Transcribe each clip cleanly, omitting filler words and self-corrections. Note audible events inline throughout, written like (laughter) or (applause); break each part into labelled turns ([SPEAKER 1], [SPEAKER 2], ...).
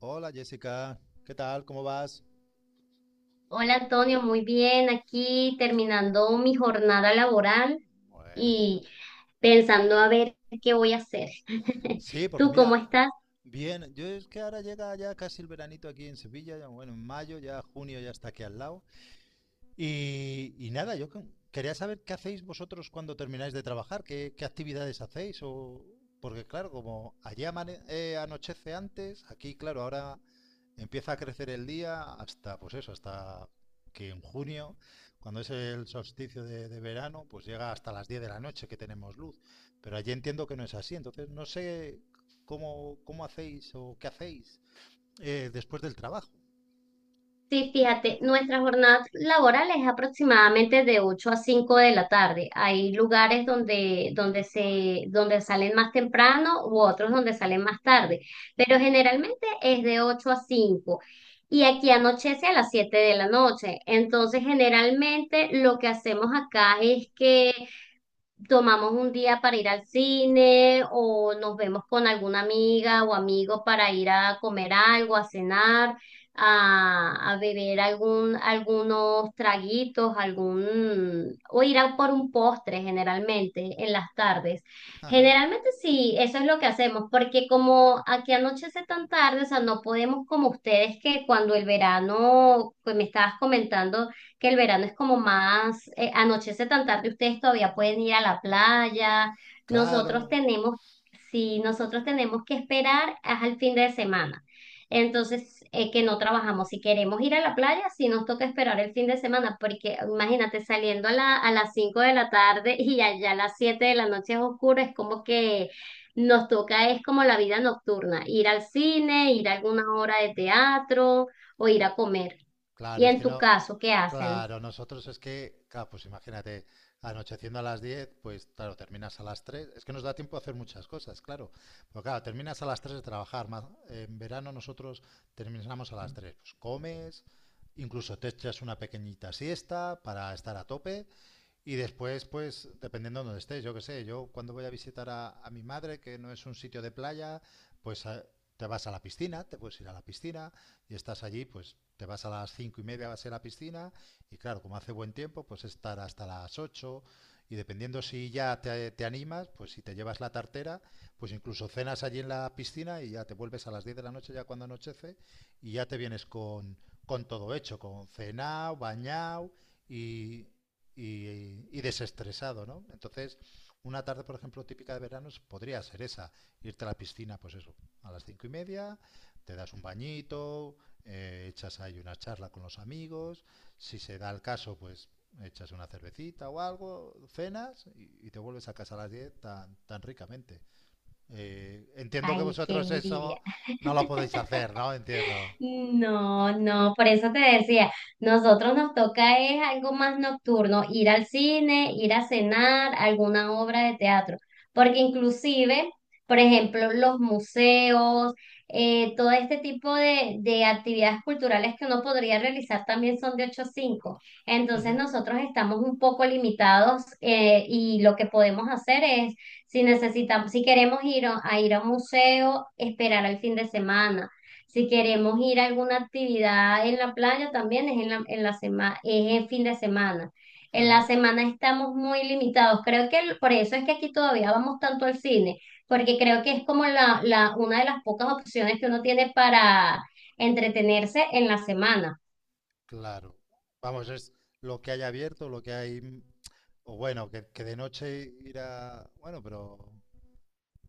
[SPEAKER 1] Hola Jessica, ¿qué tal? ¿Cómo vas?
[SPEAKER 2] Hola Antonio, muy bien. Aquí terminando mi jornada laboral
[SPEAKER 1] Bueno,
[SPEAKER 2] y pensando a ver qué voy a hacer. (laughs)
[SPEAKER 1] sí, porque
[SPEAKER 2] ¿Tú cómo
[SPEAKER 1] mira,
[SPEAKER 2] estás?
[SPEAKER 1] bien, yo es que ahora llega ya casi el veranito aquí en Sevilla, ya, bueno, en mayo, ya junio ya está aquí al lado. Y nada, quería saber qué hacéis vosotros cuando termináis de trabajar, qué actividades hacéis. O porque claro, como allí anochece antes, aquí claro, ahora empieza a crecer el día hasta, pues eso, hasta que en junio, cuando es el solsticio de verano, pues llega hasta las 10 de la noche que tenemos luz. Pero allí entiendo que no es así, entonces no sé cómo hacéis o qué hacéis después del trabajo.
[SPEAKER 2] Sí, fíjate, nuestra jornada laboral es aproximadamente de 8 a 5 de la tarde. Hay lugares donde salen más temprano u otros donde salen más tarde, pero generalmente es de 8 a 5. Y aquí anochece a las 7 de la noche. Entonces, generalmente lo que hacemos acá es que tomamos un día para ir al cine o nos vemos con alguna amiga o amigo para ir a comer algo, a cenar, a beber algún, algunos traguitos, o ir a por un postre generalmente en las tardes.
[SPEAKER 1] (laughs)
[SPEAKER 2] Generalmente sí, eso es lo que hacemos, porque como aquí anochece tan tarde, o sea, no podemos como ustedes que cuando el verano, pues me estabas comentando, que el verano es como anochece tan tarde, ustedes todavía pueden ir a la playa. Nosotros
[SPEAKER 1] Claro,
[SPEAKER 2] tenemos, si nosotros tenemos que esperar al fin de semana. Entonces, que no trabajamos. Si queremos ir a la playa, si nos toca esperar el fin de semana, porque imagínate saliendo a las 5 de la tarde y allá a las 7 de la noche es oscuro, es como que nos toca, es como la vida nocturna, ir al cine, ir a alguna hora de teatro o ir a comer. Y
[SPEAKER 1] claro, es
[SPEAKER 2] en
[SPEAKER 1] que
[SPEAKER 2] tu
[SPEAKER 1] no,
[SPEAKER 2] caso, ¿qué hacen?
[SPEAKER 1] claro, nosotros es que, claro, pues imagínate, anocheciendo a las 10, pues claro, terminas a las 3, es que nos da tiempo a hacer muchas cosas, claro, pero claro, terminas a las 3 de trabajar. Más, en verano nosotros terminamos a las 3, pues comes, incluso te echas una pequeñita siesta para estar a tope y después, pues, dependiendo de donde estés, yo qué sé, yo cuando voy a visitar a mi madre, que no es un sitio de playa, pues te vas a la piscina, te puedes ir a la piscina y estás allí, pues te vas a las 5:30, vas a ir a la piscina y claro, como hace buen tiempo, pues estar hasta las 8 y dependiendo si ya te animas, pues si te llevas la tartera, pues incluso cenas allí en la piscina y ya te vuelves a las 10 de la noche ya cuando anochece y ya te vienes con todo hecho, con cenao, bañao y, y desestresado, ¿no? Entonces, una tarde, por ejemplo, típica de veranos podría ser esa, irte a la piscina, pues eso, a las 5:30, te das un bañito, echas ahí una charla con los amigos, si se da el caso, pues echas una cervecita o algo, cenas y te vuelves a casa a las 10 tan, tan ricamente. Entiendo que
[SPEAKER 2] Ay, qué
[SPEAKER 1] vosotros eso
[SPEAKER 2] envidia.
[SPEAKER 1] no lo podéis hacer, ¿no? Entiendo.
[SPEAKER 2] No, no, por eso te decía, nosotros nos toca es algo más nocturno, ir al cine, ir a cenar, alguna obra de teatro, porque inclusive, por ejemplo, los museos, todo este tipo de actividades culturales que uno podría realizar también son de 8 a 5, entonces
[SPEAKER 1] (laughs)
[SPEAKER 2] nosotros estamos un poco limitados, y lo que podemos hacer es, si necesitamos, si queremos ir a un museo, esperar al fin de semana. Si queremos ir a alguna actividad en la playa, también es en la semana, es el fin de semana. En la semana estamos muy limitados. Creo que por eso es que aquí todavía vamos tanto al cine, porque creo que es como una de las pocas opciones que uno tiene para entretenerse en la semana.
[SPEAKER 1] Claro. Vamos, es lo que hay abierto, lo que hay. O bueno, que de noche ir a... Bueno, pero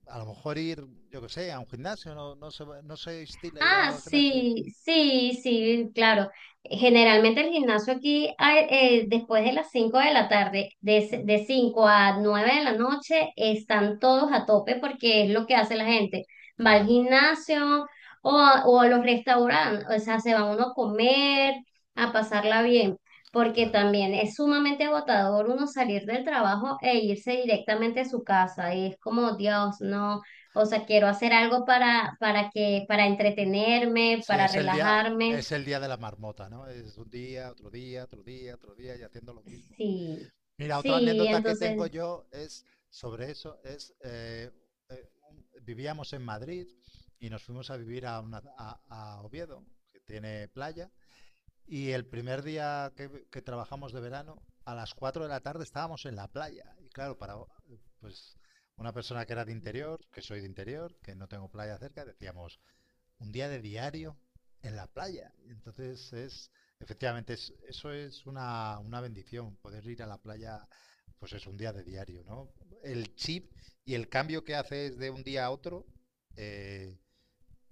[SPEAKER 1] a lo mejor ir, yo que sé, a un gimnasio, no, no se, no se estila ir
[SPEAKER 2] Ah,
[SPEAKER 1] al gimnasio.
[SPEAKER 2] sí, sí, sí, claro. Generalmente el gimnasio aquí hay, después de las 5 de la tarde, de 5 a 9 de la noche, están todos a tope porque es lo que hace la gente. Va al
[SPEAKER 1] Claro,
[SPEAKER 2] gimnasio o a los restaurantes, o sea, se van uno a comer, a pasarla bien, porque
[SPEAKER 1] claro.
[SPEAKER 2] también es sumamente agotador uno salir del trabajo e irse directamente a su casa. Y es como, Dios, no. O sea, quiero hacer algo para entretenerme,
[SPEAKER 1] Sí,
[SPEAKER 2] para relajarme.
[SPEAKER 1] es el día de la marmota, ¿no? Es un día, otro día, otro día, otro día y haciendo lo mismo.
[SPEAKER 2] Sí,
[SPEAKER 1] Mira, otra
[SPEAKER 2] sí,
[SPEAKER 1] anécdota que tengo
[SPEAKER 2] entonces
[SPEAKER 1] yo es sobre eso, es vivíamos en Madrid y nos fuimos a vivir a Oviedo, que tiene playa. Y el primer día que trabajamos de verano, a las 4 de la tarde estábamos en la playa. Y claro, para pues una persona que era de interior, que soy de interior, que no tengo playa cerca, decíamos, un día de diario en la playa. Y entonces es, efectivamente, eso es una bendición, poder ir a la playa, pues es un día de diario, ¿no? El chip y el cambio que haces de un día a otro eh,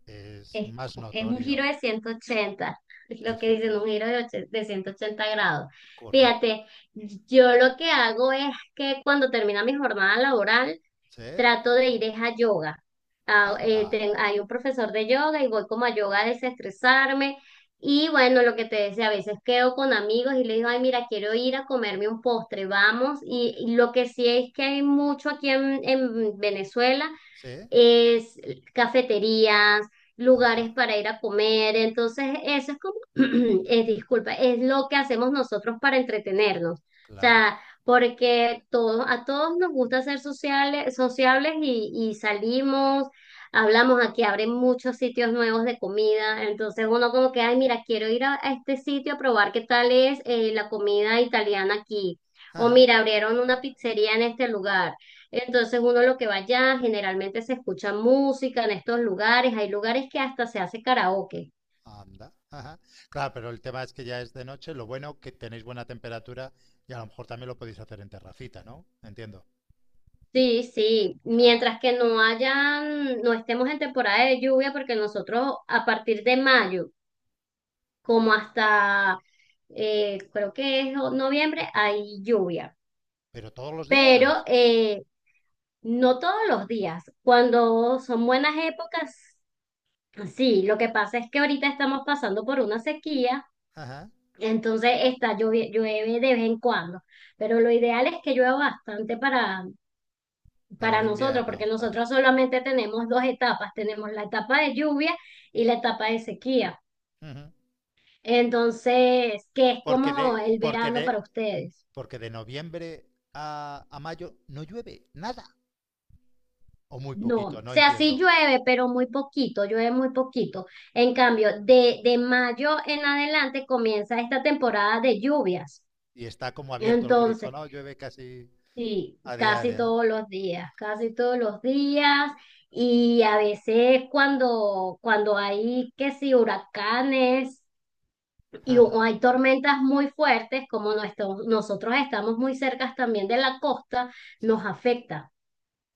[SPEAKER 1] es
[SPEAKER 2] es,
[SPEAKER 1] más
[SPEAKER 2] es un giro
[SPEAKER 1] notorio.
[SPEAKER 2] de 180, es (laughs) lo que dicen, un
[SPEAKER 1] Efectivamente,
[SPEAKER 2] giro de 180 grados.
[SPEAKER 1] correcto.
[SPEAKER 2] Fíjate, yo lo que hago es que cuando termina mi jornada laboral,
[SPEAKER 1] ¿Sí?
[SPEAKER 2] trato de ir es a yoga. Ah,
[SPEAKER 1] Anda.
[SPEAKER 2] hay un profesor de yoga y voy como a yoga a desestresarme. Y bueno, lo que te decía, a veces quedo con amigos y le digo, ay, mira, quiero ir a comerme un postre, vamos. Y lo que sí es que hay mucho aquí en Venezuela
[SPEAKER 1] ¿Sí?
[SPEAKER 2] es cafeterías, lugares
[SPEAKER 1] Ajá.
[SPEAKER 2] para ir a comer. Entonces, eso es como, (clears throat) disculpa, es lo que hacemos nosotros para entretenernos. O
[SPEAKER 1] Claro.
[SPEAKER 2] sea, porque todos, a todos nos gusta ser sociales, sociables y salimos, hablamos aquí, abren muchos sitios nuevos de comida. Entonces uno como que, ay, mira, quiero ir a este sitio a probar qué tal es, la comida italiana aquí. O
[SPEAKER 1] Ajá.
[SPEAKER 2] mira, abrieron una pizzería en este lugar. Entonces uno lo que va allá, generalmente se escucha música en estos lugares, hay lugares que hasta se hace karaoke.
[SPEAKER 1] Anda. Ajá. Claro, pero el tema es que ya es de noche. Lo bueno que tenéis buena temperatura y a lo mejor también lo podéis hacer en terracita, ¿no? Entiendo.
[SPEAKER 2] Sí, sí,
[SPEAKER 1] Claro.
[SPEAKER 2] mientras que no hayan, no estemos en temporada de lluvia, porque nosotros a partir de mayo, como hasta, creo que es noviembre, hay lluvia,
[SPEAKER 1] Pero todos los
[SPEAKER 2] pero
[SPEAKER 1] días.
[SPEAKER 2] no todos los días. Cuando son buenas épocas, sí, lo que pasa es que ahorita estamos pasando por una sequía.
[SPEAKER 1] Ajá.
[SPEAKER 2] Entonces está llueve, llueve de vez en cuando, pero lo ideal es que llueva bastante para,
[SPEAKER 1] Para el
[SPEAKER 2] para nosotros, porque
[SPEAKER 1] invierno, claro.
[SPEAKER 2] nosotros solamente tenemos dos etapas, tenemos la etapa de lluvia y la etapa de sequía.
[SPEAKER 1] Ujú.
[SPEAKER 2] Entonces, ¿que es
[SPEAKER 1] Porque
[SPEAKER 2] como
[SPEAKER 1] de,
[SPEAKER 2] el
[SPEAKER 1] porque
[SPEAKER 2] verano
[SPEAKER 1] de,
[SPEAKER 2] para ustedes?
[SPEAKER 1] porque de noviembre a mayo no llueve nada. O muy
[SPEAKER 2] No,
[SPEAKER 1] poquito,
[SPEAKER 2] o
[SPEAKER 1] no
[SPEAKER 2] sea,
[SPEAKER 1] entiendo.
[SPEAKER 2] sí llueve, pero muy poquito, llueve muy poquito. En cambio, de mayo en adelante comienza esta temporada de lluvias.
[SPEAKER 1] Y está como abierto el grifo,
[SPEAKER 2] Entonces.
[SPEAKER 1] ¿no? Llueve casi
[SPEAKER 2] Sí,
[SPEAKER 1] a
[SPEAKER 2] casi
[SPEAKER 1] diario, ¿no?
[SPEAKER 2] todos los días, casi todos los días. Y a veces cuando hay que si huracanes y
[SPEAKER 1] Ajá.
[SPEAKER 2] o hay tormentas muy fuertes, como nosotros estamos muy cerca también de la costa,
[SPEAKER 1] Sí.
[SPEAKER 2] nos afecta.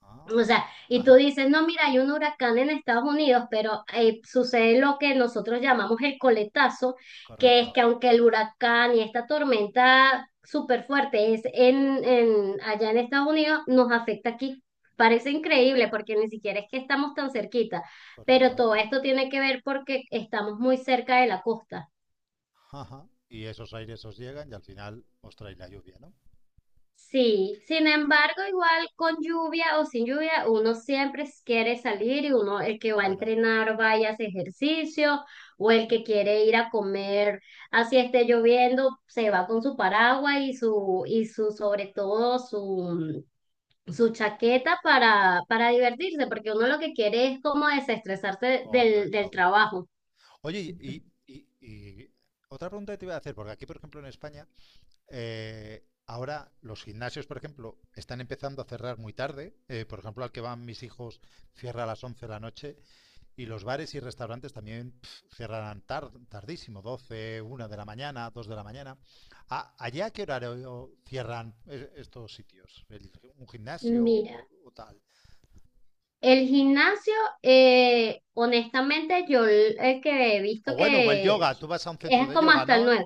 [SPEAKER 1] Ah,
[SPEAKER 2] O sea, y tú
[SPEAKER 1] ajá,
[SPEAKER 2] dices, no, mira, hay un huracán en Estados Unidos, pero sucede lo que nosotros llamamos el coletazo, que es
[SPEAKER 1] correcto,
[SPEAKER 2] que aunque el huracán y esta tormenta súper fuerte es allá en Estados Unidos, nos afecta aquí. Parece increíble porque ni siquiera es que estamos tan cerquita, pero
[SPEAKER 1] correcto.
[SPEAKER 2] todo esto tiene que ver porque estamos muy cerca de la costa.
[SPEAKER 1] Ajá. Y esos aires os llegan y al final os trae la lluvia, ¿no?
[SPEAKER 2] Sí, sin embargo, igual con lluvia o sin lluvia, uno siempre quiere salir y uno, el que va a
[SPEAKER 1] Bueno,
[SPEAKER 2] entrenar, vaya a hacer ejercicio, o el que quiere ir a comer, así esté lloviendo, se va con su paraguas y su, sobre todo, su chaqueta para divertirse, porque uno lo que quiere es como desestresarse del
[SPEAKER 1] correcto, correcto.
[SPEAKER 2] trabajo.
[SPEAKER 1] Oye, y otra pregunta que te iba a hacer, porque aquí, por ejemplo, en España, ahora los gimnasios, por ejemplo, están empezando a cerrar muy tarde. Por ejemplo, al que van mis hijos cierra a las 11 de la noche. Y los bares y restaurantes también pf, cerrarán tardísimo, 12, 1 de la mañana, 2 de la mañana. ¿Allá qué horario cierran estos sitios? ¿El Un gimnasio
[SPEAKER 2] Mira,
[SPEAKER 1] o tal?
[SPEAKER 2] el gimnasio, honestamente, yo el que he
[SPEAKER 1] O
[SPEAKER 2] visto
[SPEAKER 1] bueno, o el
[SPEAKER 2] que
[SPEAKER 1] yoga, tú vas a un centro
[SPEAKER 2] es
[SPEAKER 1] de
[SPEAKER 2] como
[SPEAKER 1] yoga,
[SPEAKER 2] hasta el
[SPEAKER 1] ¿no?
[SPEAKER 2] nueve.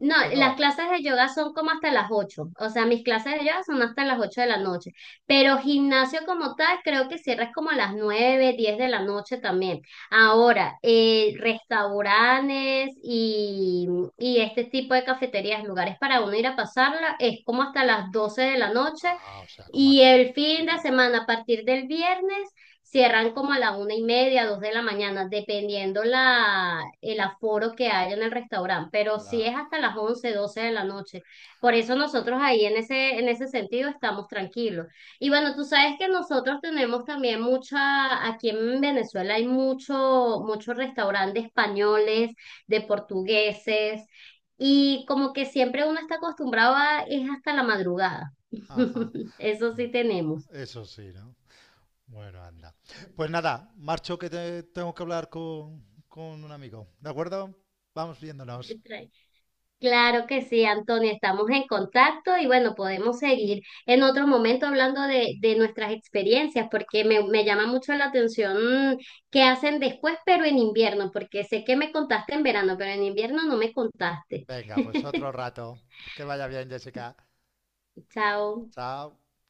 [SPEAKER 2] No,
[SPEAKER 1] ¿O no?
[SPEAKER 2] las clases de yoga son como hasta las 8. O sea, mis clases de yoga son hasta las 8 de la noche. Pero gimnasio como tal, creo que cierras como a las 9, 10 de la noche también.
[SPEAKER 1] Ajá.
[SPEAKER 2] Ahora, restaurantes y este tipo de cafeterías, lugares para uno ir a pasarla, es como hasta las 12 de la noche.
[SPEAKER 1] Ah, o sea, como
[SPEAKER 2] Y el
[SPEAKER 1] aquí.
[SPEAKER 2] fin de
[SPEAKER 1] Ujú.
[SPEAKER 2] semana, a partir del viernes, cierran como a la 1 y media, 2 de la mañana, dependiendo el aforo que haya en el restaurante, pero sí es
[SPEAKER 1] Claro,
[SPEAKER 2] hasta las 11, 12 de la noche. Por eso nosotros ahí en ese sentido estamos tranquilos. Y bueno, tú
[SPEAKER 1] claro.
[SPEAKER 2] sabes que nosotros tenemos también mucha, aquí en Venezuela hay muchos restaurantes españoles, de portugueses, y como que siempre uno está acostumbrado a, es hasta la madrugada.
[SPEAKER 1] Ajá.
[SPEAKER 2] (laughs) Eso sí tenemos.
[SPEAKER 1] Eso sí, ¿no? Bueno, anda. Pues nada, marcho que tengo que hablar con un amigo, ¿de acuerdo? Vamos viéndonos.
[SPEAKER 2] Claro que sí, Antonio, estamos en contacto y bueno, podemos seguir en otro momento hablando de nuestras experiencias, porque me llama mucho la atención, qué hacen después, pero en invierno, porque sé que me contaste en verano, pero en invierno no me contaste.
[SPEAKER 1] Venga, pues otro
[SPEAKER 2] (laughs)
[SPEAKER 1] rato. Que vaya bien, Jessica.
[SPEAKER 2] Chao.
[SPEAKER 1] Chao.